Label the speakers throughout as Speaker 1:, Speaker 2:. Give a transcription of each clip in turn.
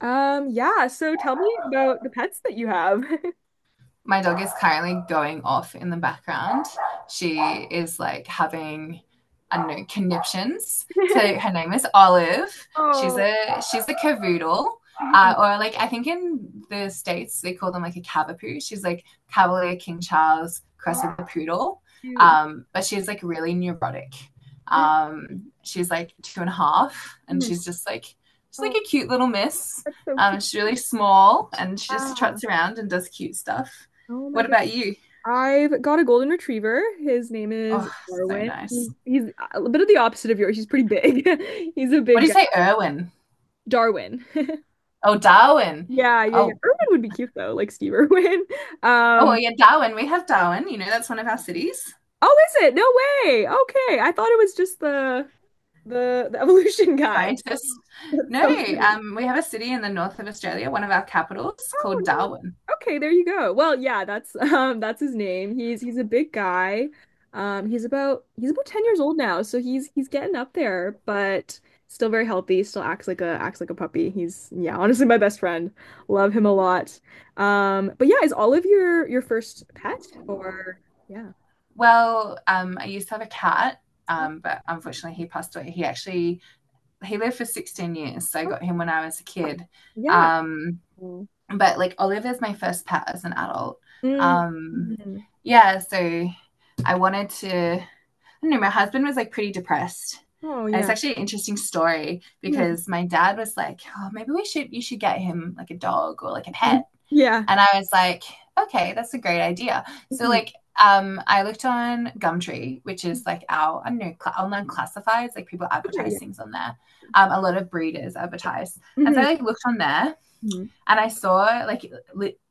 Speaker 1: Yeah, so tell me about the pets that you have.
Speaker 2: My dog is currently going off in the background. She is like having, I don't know, conniptions. So her name is Olive. She's
Speaker 1: Oh,
Speaker 2: a she's a cavoodle.
Speaker 1: mhm.
Speaker 2: Or like I think in the states they call them like a cavapoo. She's like Cavalier King Charles crossed
Speaker 1: How
Speaker 2: with a poodle.
Speaker 1: cute.
Speaker 2: But she's like really neurotic. She's like two and a half, and
Speaker 1: Mhm.
Speaker 2: she's just like she's like
Speaker 1: Oh,
Speaker 2: a cute little miss.
Speaker 1: that's so cute.
Speaker 2: She's really small, and she just
Speaker 1: Ah,
Speaker 2: trots around and does cute stuff.
Speaker 1: oh my
Speaker 2: What
Speaker 1: goodness.
Speaker 2: about you?
Speaker 1: I've got a golden retriever. His name is
Speaker 2: Oh, so
Speaker 1: Darwin.
Speaker 2: nice.
Speaker 1: He's a bit of the opposite of yours. He's pretty big. He's a
Speaker 2: What do
Speaker 1: big
Speaker 2: you
Speaker 1: guy.
Speaker 2: say, Irwin?
Speaker 1: Darwin.
Speaker 2: Oh, Darwin.
Speaker 1: Yeah, yeah, yeah.
Speaker 2: Oh,
Speaker 1: Irwin would be cute though, like Steve Irwin.
Speaker 2: oh
Speaker 1: Um,
Speaker 2: well, yeah, Darwin. We have Darwin. You know, that's one of our cities.
Speaker 1: oh, is it? No way. Okay. I thought it was just the evolution guy.
Speaker 2: Scientists.
Speaker 1: That's
Speaker 2: No,
Speaker 1: so funny.
Speaker 2: we have a city in the north of Australia, one of our capitals, called
Speaker 1: Oh, no way.
Speaker 2: Darwin.
Speaker 1: Okay, there you go. Well, yeah, that's that's his name. He's a big guy. He's about 10 years old now, so he's getting up there, but still very healthy, still acts like a puppy. He's yeah, honestly my best friend. Love him a lot. But yeah, is Olive your first pet or yeah.
Speaker 2: Well, I used to have a cat, but unfortunately he passed away. He actually, he lived for 16 years, so I
Speaker 1: Oh,
Speaker 2: got him when I was a
Speaker 1: wow.
Speaker 2: kid.
Speaker 1: Yeah.
Speaker 2: Um,
Speaker 1: Mm.
Speaker 2: but like Oliver's my first pet as an adult. Um,
Speaker 1: Mhm.
Speaker 2: yeah, so I wanted to I don't know, my husband was like pretty depressed.
Speaker 1: Oh
Speaker 2: And it's
Speaker 1: yeah.
Speaker 2: actually an interesting story
Speaker 1: Mhm.
Speaker 2: because my dad was like, oh, you should get him like a dog or like a pet.
Speaker 1: Yeah.
Speaker 2: And I was like, okay, that's a great idea. So
Speaker 1: Mhm.
Speaker 2: like, I looked on Gumtree, which is like our, I don't know, online classifieds, like people
Speaker 1: Okay, yeah.
Speaker 2: advertise things on there. A lot of breeders advertise. And so
Speaker 1: Hmm.
Speaker 2: I like looked on there
Speaker 1: Hmm.
Speaker 2: and I saw, like,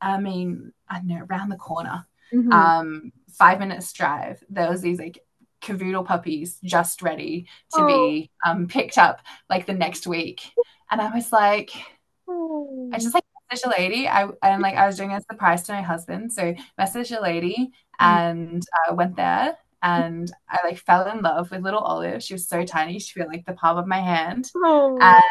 Speaker 2: I mean, I don't know, around the corner,
Speaker 1: Hmm.
Speaker 2: 5 minutes drive, there was these like cavoodle puppies just ready to
Speaker 1: Oh,
Speaker 2: be picked up like the next week. And I was like, I
Speaker 1: oh,
Speaker 2: just like messaged a lady. I and like I was doing a surprise to my husband, so messaged a lady
Speaker 1: Mm.
Speaker 2: and went there. And I like fell in love with little Olive. She was so tiny; she felt like the palm of my hand.
Speaker 1: Oh,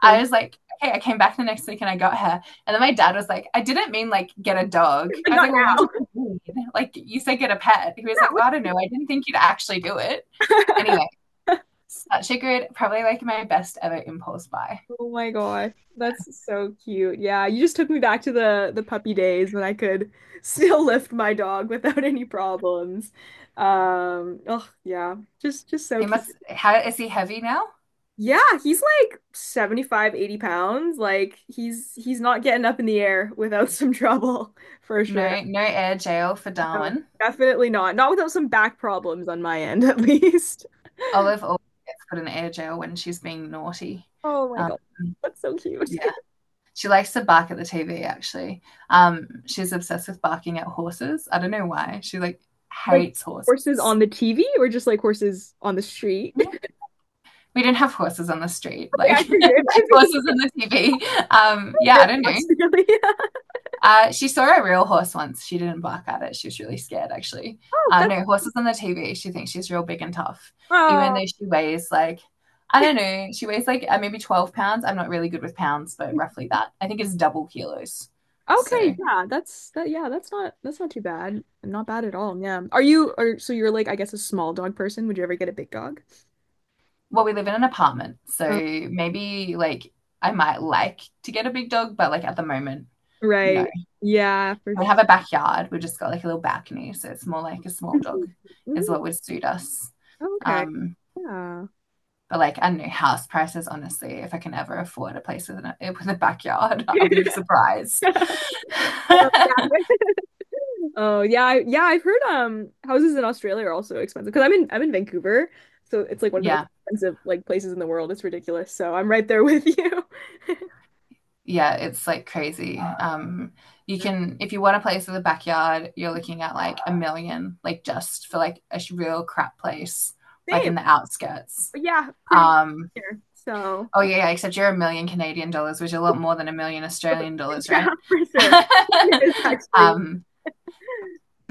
Speaker 2: I
Speaker 1: so
Speaker 2: was like, okay, I came back the next week and I got her. And then my dad was like, I didn't mean like get a dog.
Speaker 1: like
Speaker 2: I was
Speaker 1: not
Speaker 2: like, well, what
Speaker 1: now.
Speaker 2: did you mean? Like you said get a pet. He was like, oh, I don't know. I didn't think you'd actually do it. Anyway, such a good, probably like my best ever impulse buy.
Speaker 1: Oh my gosh, that's so cute. Yeah, you just took me back to the puppy days when I could still lift my dog without any problems. Oh yeah, just so
Speaker 2: He
Speaker 1: cute.
Speaker 2: must, how is he heavy now?
Speaker 1: Yeah, he's like 75, 80 pounds. Like he's not getting up in the air without some trouble for sure.
Speaker 2: No, no air jail for
Speaker 1: No,
Speaker 2: Darwin.
Speaker 1: definitely not. Not without some back problems on my end at least.
Speaker 2: Olive always gets put in air jail when she's being naughty.
Speaker 1: Oh my
Speaker 2: Um,
Speaker 1: God. That's so cute.
Speaker 2: She likes to bark at the TV, actually. She's obsessed with barking at horses. I don't know why. She like
Speaker 1: Like
Speaker 2: hates
Speaker 1: horses on
Speaker 2: horses.
Speaker 1: the TV or just like horses on the street?
Speaker 2: We didn't have horses on the street,
Speaker 1: Okay, I
Speaker 2: like yeah,
Speaker 1: figured. I figured
Speaker 2: horses on the TV.
Speaker 1: a
Speaker 2: Yeah, I
Speaker 1: bit
Speaker 2: don't know.
Speaker 1: less really.
Speaker 2: She saw a real horse once. She didn't bark at it. She was really scared, actually.
Speaker 1: Oh, that's
Speaker 2: No, horses on the TV. She thinks she's real big and tough, even
Speaker 1: oh.
Speaker 2: though she weighs like maybe 12 pounds. I'm not really good with pounds, but roughly that. I think it's double kilos.
Speaker 1: Okay,
Speaker 2: So
Speaker 1: yeah, that's that yeah, that's not too bad. Not bad at all. Yeah. Are you or so you're like I guess a small dog person? Would you ever get a big dog?
Speaker 2: we live in an apartment, so
Speaker 1: Uh,
Speaker 2: maybe like I might like to get a big dog, but like at the moment, no.
Speaker 1: right. Yeah, for sure.
Speaker 2: We have a backyard. We've just got like a little balcony, so it's more like a small
Speaker 1: Mhm,
Speaker 2: dog is
Speaker 1: mhm.
Speaker 2: what would suit us.
Speaker 1: Okay.
Speaker 2: Um,
Speaker 1: Yeah.
Speaker 2: but like I don't know, house prices, honestly, if I can ever afford a place with an with a backyard, I'll be surprised.
Speaker 1: Um, yeah, oh yeah, I, yeah, I've heard houses in Australia are also expensive because I'm in Vancouver, so it's like one of the most
Speaker 2: Yeah.
Speaker 1: expensive like places in the world. It's ridiculous. So I'm right there with you.
Speaker 2: Yeah, it's like crazy. You can if you want a place with a backyard, you're looking at like a million, like just for like a real crap place, like
Speaker 1: Same.
Speaker 2: in the outskirts.
Speaker 1: But yeah, pretty much
Speaker 2: Um,
Speaker 1: here. So
Speaker 2: oh yeah, yeah, except you're a million Canadian dollars, which is a lot more than a million Australian dollars,
Speaker 1: yeah,
Speaker 2: right?
Speaker 1: for sure. It is actually
Speaker 2: um,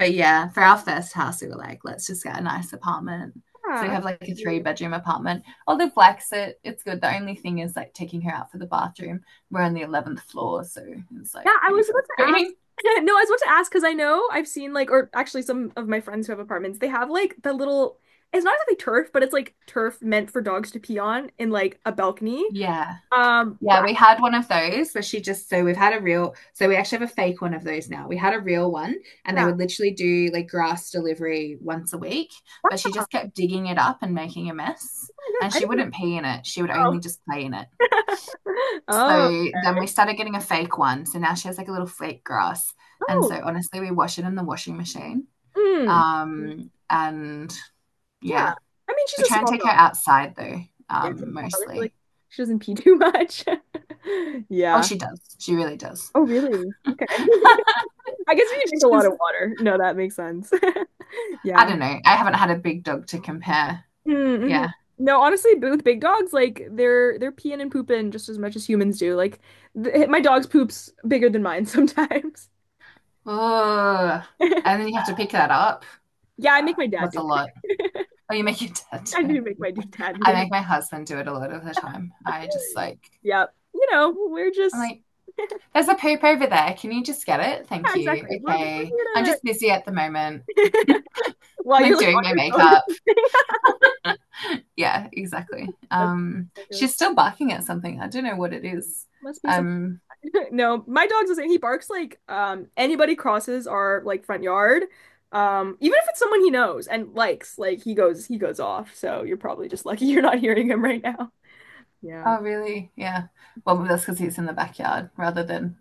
Speaker 1: for sure.
Speaker 2: yeah, for our first house, we were like, let's just get a nice apartment. So we
Speaker 1: Yeah,
Speaker 2: have like a three-bedroom apartment. Although Black's it, it's good. The only thing is like taking her out for the bathroom. We're on the 11th floor, so it's
Speaker 1: yeah,
Speaker 2: like
Speaker 1: I
Speaker 2: pretty
Speaker 1: was about to ask.
Speaker 2: frustrating.
Speaker 1: No, I was about to ask because I know I've seen like, or actually some of my friends who have apartments, they have like the little, it's not exactly turf, but it's like turf meant for dogs to pee on in like a balcony.
Speaker 2: Yeah.
Speaker 1: Um, but
Speaker 2: Yeah,
Speaker 1: I-
Speaker 2: we had one of those where she just so we've had a real so we actually have a fake one of those now. We had a real one and they
Speaker 1: yeah,
Speaker 2: would literally do like grass delivery once a week, but she just kept digging it up and making a mess.
Speaker 1: oh
Speaker 2: And
Speaker 1: my God, I
Speaker 2: she
Speaker 1: didn't know.
Speaker 2: wouldn't pee in it. She would only just play in it.
Speaker 1: Oh, oh,
Speaker 2: So then we
Speaker 1: okay.
Speaker 2: started getting a fake one. So now she has like a little fake grass. And
Speaker 1: Oh,
Speaker 2: so honestly, we wash it in the washing machine.
Speaker 1: mm.
Speaker 2: And
Speaker 1: Yeah.
Speaker 2: yeah,
Speaker 1: I mean, she's
Speaker 2: we
Speaker 1: a
Speaker 2: try and
Speaker 1: small
Speaker 2: take her
Speaker 1: dog.
Speaker 2: outside though,
Speaker 1: Yeah, she's small I feel like
Speaker 2: mostly.
Speaker 1: she doesn't pee too much.
Speaker 2: Oh,
Speaker 1: Yeah.
Speaker 2: she does. She really does.
Speaker 1: Oh, really?
Speaker 2: She's,
Speaker 1: Okay. I guess we drink a lot of water. No, that makes sense.
Speaker 2: I
Speaker 1: Yeah.
Speaker 2: don't know. I haven't had a big dog to compare.
Speaker 1: Mm-hmm.
Speaker 2: Yeah.
Speaker 1: No, honestly, with big dogs, like they're peeing and pooping just as much as humans do. Like th my dog's poop's bigger than mine sometimes.
Speaker 2: Ugh. And then you have to pick that up.
Speaker 1: Yeah, I make my dad
Speaker 2: That's
Speaker 1: do
Speaker 2: a
Speaker 1: it.
Speaker 2: lot. Oh, you make your dad do
Speaker 1: I do make
Speaker 2: it.
Speaker 1: my dad
Speaker 2: I
Speaker 1: do
Speaker 2: make my husband do it a lot of the time. I just like,
Speaker 1: yeah, you know, we're
Speaker 2: I'm
Speaker 1: just
Speaker 2: like, There's a poop over there. Can you just get it?
Speaker 1: yeah,
Speaker 2: Thank you.
Speaker 1: exactly. We're
Speaker 2: Okay. I'm
Speaker 1: here
Speaker 2: just busy at the moment,
Speaker 1: to while you're
Speaker 2: like
Speaker 1: like
Speaker 2: doing
Speaker 1: on
Speaker 2: my
Speaker 1: your
Speaker 2: makeup.
Speaker 1: phone.
Speaker 2: Yeah, exactly.
Speaker 1: That's that goes,
Speaker 2: She's still barking at something. I don't know what it is.
Speaker 1: must be some
Speaker 2: Um,
Speaker 1: no, my dog's the same. He barks like anybody crosses our like front yard. Even if it's someone he knows and likes, like he goes off. So you're probably just lucky you're not hearing him right now. Yeah.
Speaker 2: oh really? Yeah. Well, that's because he's in the backyard rather than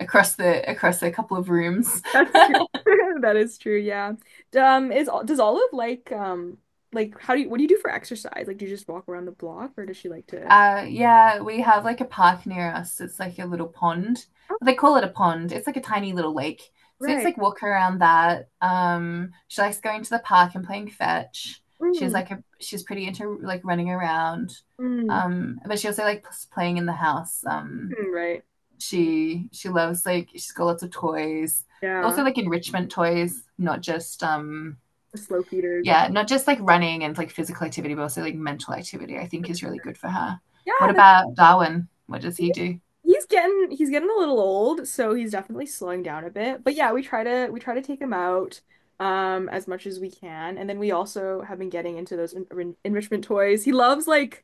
Speaker 2: across a couple of rooms.
Speaker 1: That's true. That is true, yeah. Is does Olive like how do you what do you do for exercise? Like do you just walk around the block or does she like to
Speaker 2: Yeah, we have like a park near us. It's like a little pond.
Speaker 1: oh,
Speaker 2: They call it a pond. It's like a tiny little lake. So I just
Speaker 1: right.
Speaker 2: like walk around that. She likes going to the park and playing fetch.
Speaker 1: Mm,
Speaker 2: She's pretty into like running around.
Speaker 1: mm,
Speaker 2: But she also likes playing in the house.
Speaker 1: mm, right.
Speaker 2: She loves like she's got lots of toys.
Speaker 1: Yeah.
Speaker 2: Also like enrichment toys, not just
Speaker 1: The slow feeder is the
Speaker 2: yeah, not just like running and like physical activity, but also like mental activity, I think is really good for her.
Speaker 1: yeah,
Speaker 2: What
Speaker 1: that's
Speaker 2: about Darwin? What does
Speaker 1: cool.
Speaker 2: he do?
Speaker 1: He's getting a little old, so he's definitely slowing down a bit. But yeah, we try to take him out as much as we can. And then we also have been getting into those enrichment toys. He loves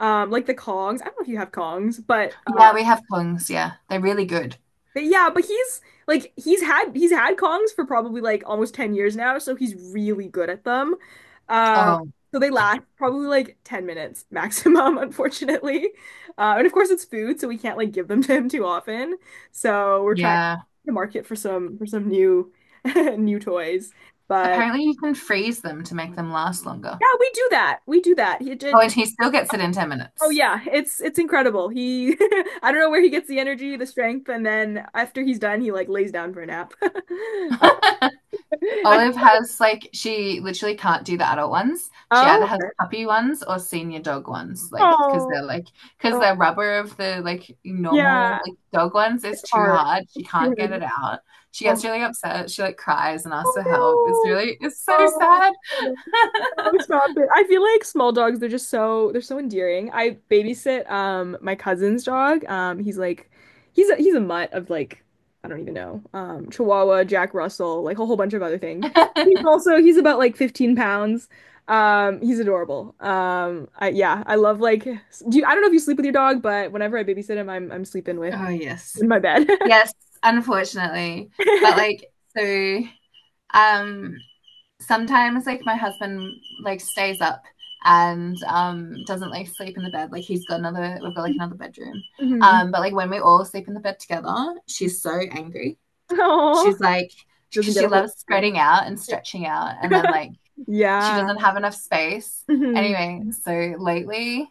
Speaker 1: like the Kongs. I don't know if you have Kongs, but
Speaker 2: Yeah, we have pungs. Yeah, they're really good.
Speaker 1: But yeah, but he's like he's had Kongs for probably like almost 10 years now, so he's really good at them. Uh,
Speaker 2: Oh,
Speaker 1: so they last probably like 10 minutes maximum, unfortunately. And of course it's food, so we can't like give them to him too often. So we're trying
Speaker 2: yeah.
Speaker 1: to market for some new new toys. But
Speaker 2: Apparently, you can freeze them to make them last longer.
Speaker 1: yeah, we do that. We do that. He
Speaker 2: Oh, and
Speaker 1: did
Speaker 2: he still gets it in 10
Speaker 1: oh
Speaker 2: minutes.
Speaker 1: yeah, it's incredible. He I don't know where he gets the energy, the strength, and then after he's done, he like lays down for a nap. Uh, I,
Speaker 2: Olive has like she literally can't do the adult ones. She either
Speaker 1: oh,
Speaker 2: has puppy ones or senior dog ones, like because
Speaker 1: oh,
Speaker 2: they're like because
Speaker 1: oh,
Speaker 2: the rubber of the like
Speaker 1: yeah,
Speaker 2: normal like dog ones is
Speaker 1: it's
Speaker 2: too
Speaker 1: hard.
Speaker 2: hard. She
Speaker 1: It's
Speaker 2: can't get
Speaker 1: too
Speaker 2: it out. She
Speaker 1: hard.
Speaker 2: gets really upset. She like cries and asks
Speaker 1: Oh
Speaker 2: for help.
Speaker 1: no.
Speaker 2: It's so
Speaker 1: Oh,
Speaker 2: sad.
Speaker 1: no. No, stop it. I feel like small dogs, they're just so they're so endearing. I babysit my cousin's dog. He's like he's a mutt of like I don't even know. Um, Chihuahua, Jack Russell, like a whole bunch of other things. He's also he's about like 15 pounds. He's adorable. I yeah, I love like do you, I don't know if you sleep with your dog, but whenever I babysit him, I'm sleeping with
Speaker 2: Oh, yes.
Speaker 1: in my bed.
Speaker 2: Yes, unfortunately. But like so um sometimes like my husband like stays up and doesn't like sleep in the bed, like he's got another we've got like another bedroom,
Speaker 1: Mhm.
Speaker 2: but like when we all sleep in the bed together she's so angry,
Speaker 1: Aw.
Speaker 2: she's like,
Speaker 1: Doesn't
Speaker 2: because
Speaker 1: get a
Speaker 2: she
Speaker 1: whole
Speaker 2: loves
Speaker 1: ride.
Speaker 2: spreading out and stretching out, and then like she
Speaker 1: Yeah.
Speaker 2: doesn't have enough space,
Speaker 1: Mhm.
Speaker 2: anyway, so lately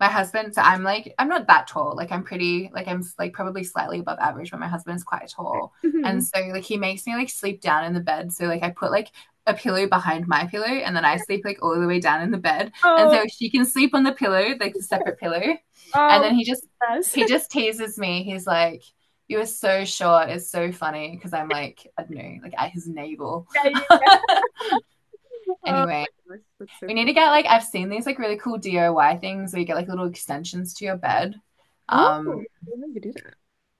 Speaker 2: my husband, so I'm like, I'm not that tall, like I'm pretty like I'm like probably slightly above average, but my husband is quite tall, and
Speaker 1: Mhm.
Speaker 2: so like he makes me like sleep down in the bed, so like I put like a pillow behind my pillow, and then I sleep like all the way down in the bed, and so
Speaker 1: Oh,
Speaker 2: she can sleep on the pillow, like the separate pillow, and
Speaker 1: oh,
Speaker 2: then
Speaker 1: yes.
Speaker 2: he just teases me, he's like, you are so short, it's so funny because I'm like, I don't know, like at his navel.
Speaker 1: Yeah, yeah. Oh my
Speaker 2: Anyway,
Speaker 1: gosh, that's so
Speaker 2: we need
Speaker 1: cool.
Speaker 2: to get like, I've seen these like really cool DIY things where you get like little extensions to your bed.
Speaker 1: Oh,
Speaker 2: Um,
Speaker 1: I didn't know you could do that.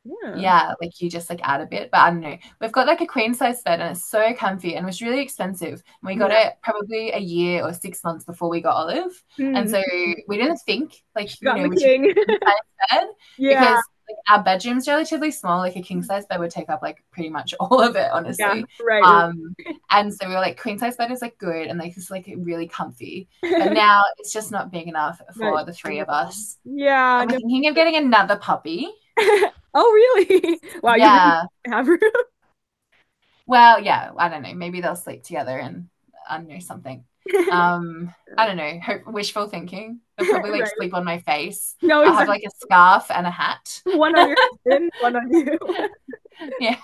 Speaker 1: Yeah.
Speaker 2: yeah, like you just like add a bit, but I don't know. We've got like a queen size bed and it's so comfy and it was really expensive. And we got
Speaker 1: Yeah.
Speaker 2: it probably a year or 6 months before we got Olive. And
Speaker 1: Mm.
Speaker 2: so we didn't think
Speaker 1: She
Speaker 2: like, you
Speaker 1: got in
Speaker 2: know,
Speaker 1: the
Speaker 2: we should get
Speaker 1: king.
Speaker 2: a king size bed
Speaker 1: Yeah.
Speaker 2: because like our bedroom's relatively small. Like a king size bed would take up like pretty much all of it,
Speaker 1: Yeah.
Speaker 2: honestly.
Speaker 1: Right. Right.
Speaker 2: Um, and so we were like, queen size bed is like good and like it's like really comfy. But now it's just not big enough
Speaker 1: But
Speaker 2: for the
Speaker 1: she came
Speaker 2: three of
Speaker 1: along.
Speaker 2: us.
Speaker 1: Yeah.
Speaker 2: And we're
Speaker 1: No.
Speaker 2: thinking of getting another puppy.
Speaker 1: Oh, really? Wow, you really
Speaker 2: Yeah.
Speaker 1: have room.
Speaker 2: Well, yeah, I don't know. Maybe they'll sleep together and I don't know something. I
Speaker 1: So,
Speaker 2: don't know. Hope, wishful thinking. They'll probably like
Speaker 1: right.
Speaker 2: sleep on my face.
Speaker 1: No,
Speaker 2: I'll have
Speaker 1: exactly.
Speaker 2: like a scarf and a hat.
Speaker 1: One on your husband, one on you.
Speaker 2: Yeah.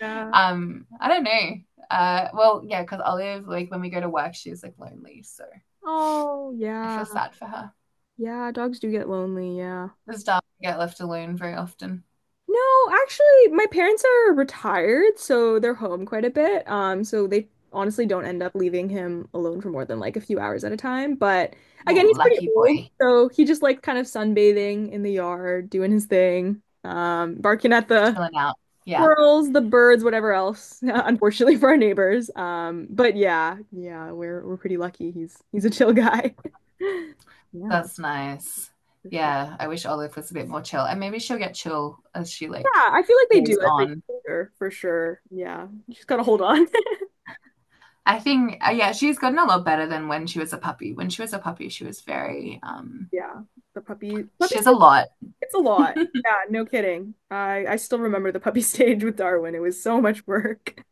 Speaker 1: Yeah.
Speaker 2: I don't know. Well, yeah, because Olive, like when we go to work, she's like lonely, so
Speaker 1: Oh,
Speaker 2: I
Speaker 1: yeah.
Speaker 2: feel sad for her.
Speaker 1: Yeah, dogs do get lonely, yeah.
Speaker 2: This dog get left alone very often.
Speaker 1: No, actually, my parents are retired, so they're home quite a bit. So they honestly don't end up leaving him alone for more than like a few hours at a time. But
Speaker 2: Well,
Speaker 1: again, he's pretty
Speaker 2: lucky
Speaker 1: old,
Speaker 2: boy,
Speaker 1: so he just likes kind of sunbathing in the yard, doing his thing, barking at the
Speaker 2: chilling out. Yeah,
Speaker 1: squirrels, the birds, whatever else, unfortunately for our neighbors. But yeah, yeah, we're pretty lucky. He's a chill guy. Yeah,
Speaker 2: that's nice.
Speaker 1: for sure.
Speaker 2: Yeah, I wish Olive was a bit more chill, and maybe she'll get chill as she like
Speaker 1: Yeah, I feel like they
Speaker 2: goes
Speaker 1: do as they get
Speaker 2: on
Speaker 1: older, for sure. Yeah, you just gotta hold on.
Speaker 2: I think, yeah, she's gotten a lot better than when she was a puppy. When she was a puppy, she was very,
Speaker 1: Yeah, the puppy
Speaker 2: she has a
Speaker 1: stage,
Speaker 2: lot.
Speaker 1: it's a lot. Yeah, no kidding. I still remember the puppy stage with Darwin. It was so much work.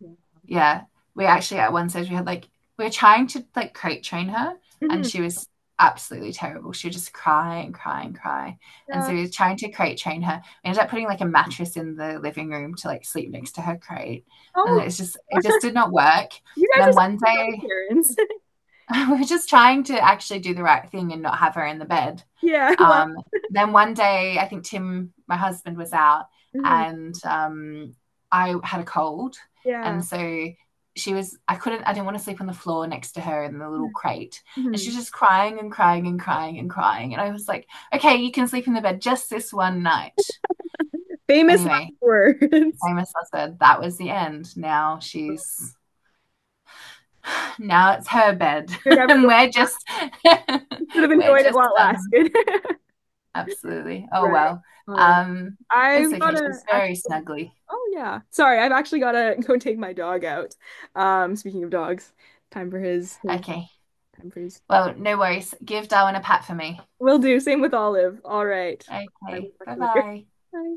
Speaker 1: Yeah.
Speaker 2: Yeah. We actually, at one stage, we were trying to like crate train her, and
Speaker 1: Mhm.
Speaker 2: she was absolutely terrible. She would just cry and cry and cry. And
Speaker 1: Yeah.
Speaker 2: so we were trying to crate train her. We ended up putting like a mattress in the living room to like sleep next to her crate. And
Speaker 1: Oh,
Speaker 2: it just did not work.
Speaker 1: you
Speaker 2: And
Speaker 1: guys are
Speaker 2: then
Speaker 1: such
Speaker 2: one
Speaker 1: good dog
Speaker 2: day,
Speaker 1: parents.
Speaker 2: we were just trying to actually do the right thing and not have her in the bed.
Speaker 1: Yeah. Well.
Speaker 2: Um, then one day, I think Tim, my husband, was out
Speaker 1: Mhm,
Speaker 2: and I had a cold.
Speaker 1: yeah.
Speaker 2: And so she was, I couldn't, I didn't want to sleep on the floor next to her in the little crate. And she
Speaker 1: Mhm.
Speaker 2: was just crying and crying and crying and crying. And I was like, okay, you can sleep in the bed just this one night.
Speaker 1: Famous
Speaker 2: Anyway,
Speaker 1: last words.
Speaker 2: famous I said that was the end. Now it's her bed
Speaker 1: You're never
Speaker 2: and
Speaker 1: going.
Speaker 2: we're just
Speaker 1: You should have
Speaker 2: we're
Speaker 1: enjoyed it while
Speaker 2: just
Speaker 1: it lasted.
Speaker 2: absolutely oh
Speaker 1: Right.
Speaker 2: well
Speaker 1: All right.
Speaker 2: um it's
Speaker 1: I've
Speaker 2: okay,
Speaker 1: gotta
Speaker 2: she's very
Speaker 1: actually.
Speaker 2: snuggly.
Speaker 1: Oh yeah. Sorry, I've actually gotta go take my dog out. Speaking of dogs, time for his
Speaker 2: Okay,
Speaker 1: time for his.
Speaker 2: well no worries, give Darwin a pat for me.
Speaker 1: Will do. Same with Olive. All right. I will
Speaker 2: Okay,
Speaker 1: talk
Speaker 2: bye
Speaker 1: to you later.
Speaker 2: bye.
Speaker 1: Bye.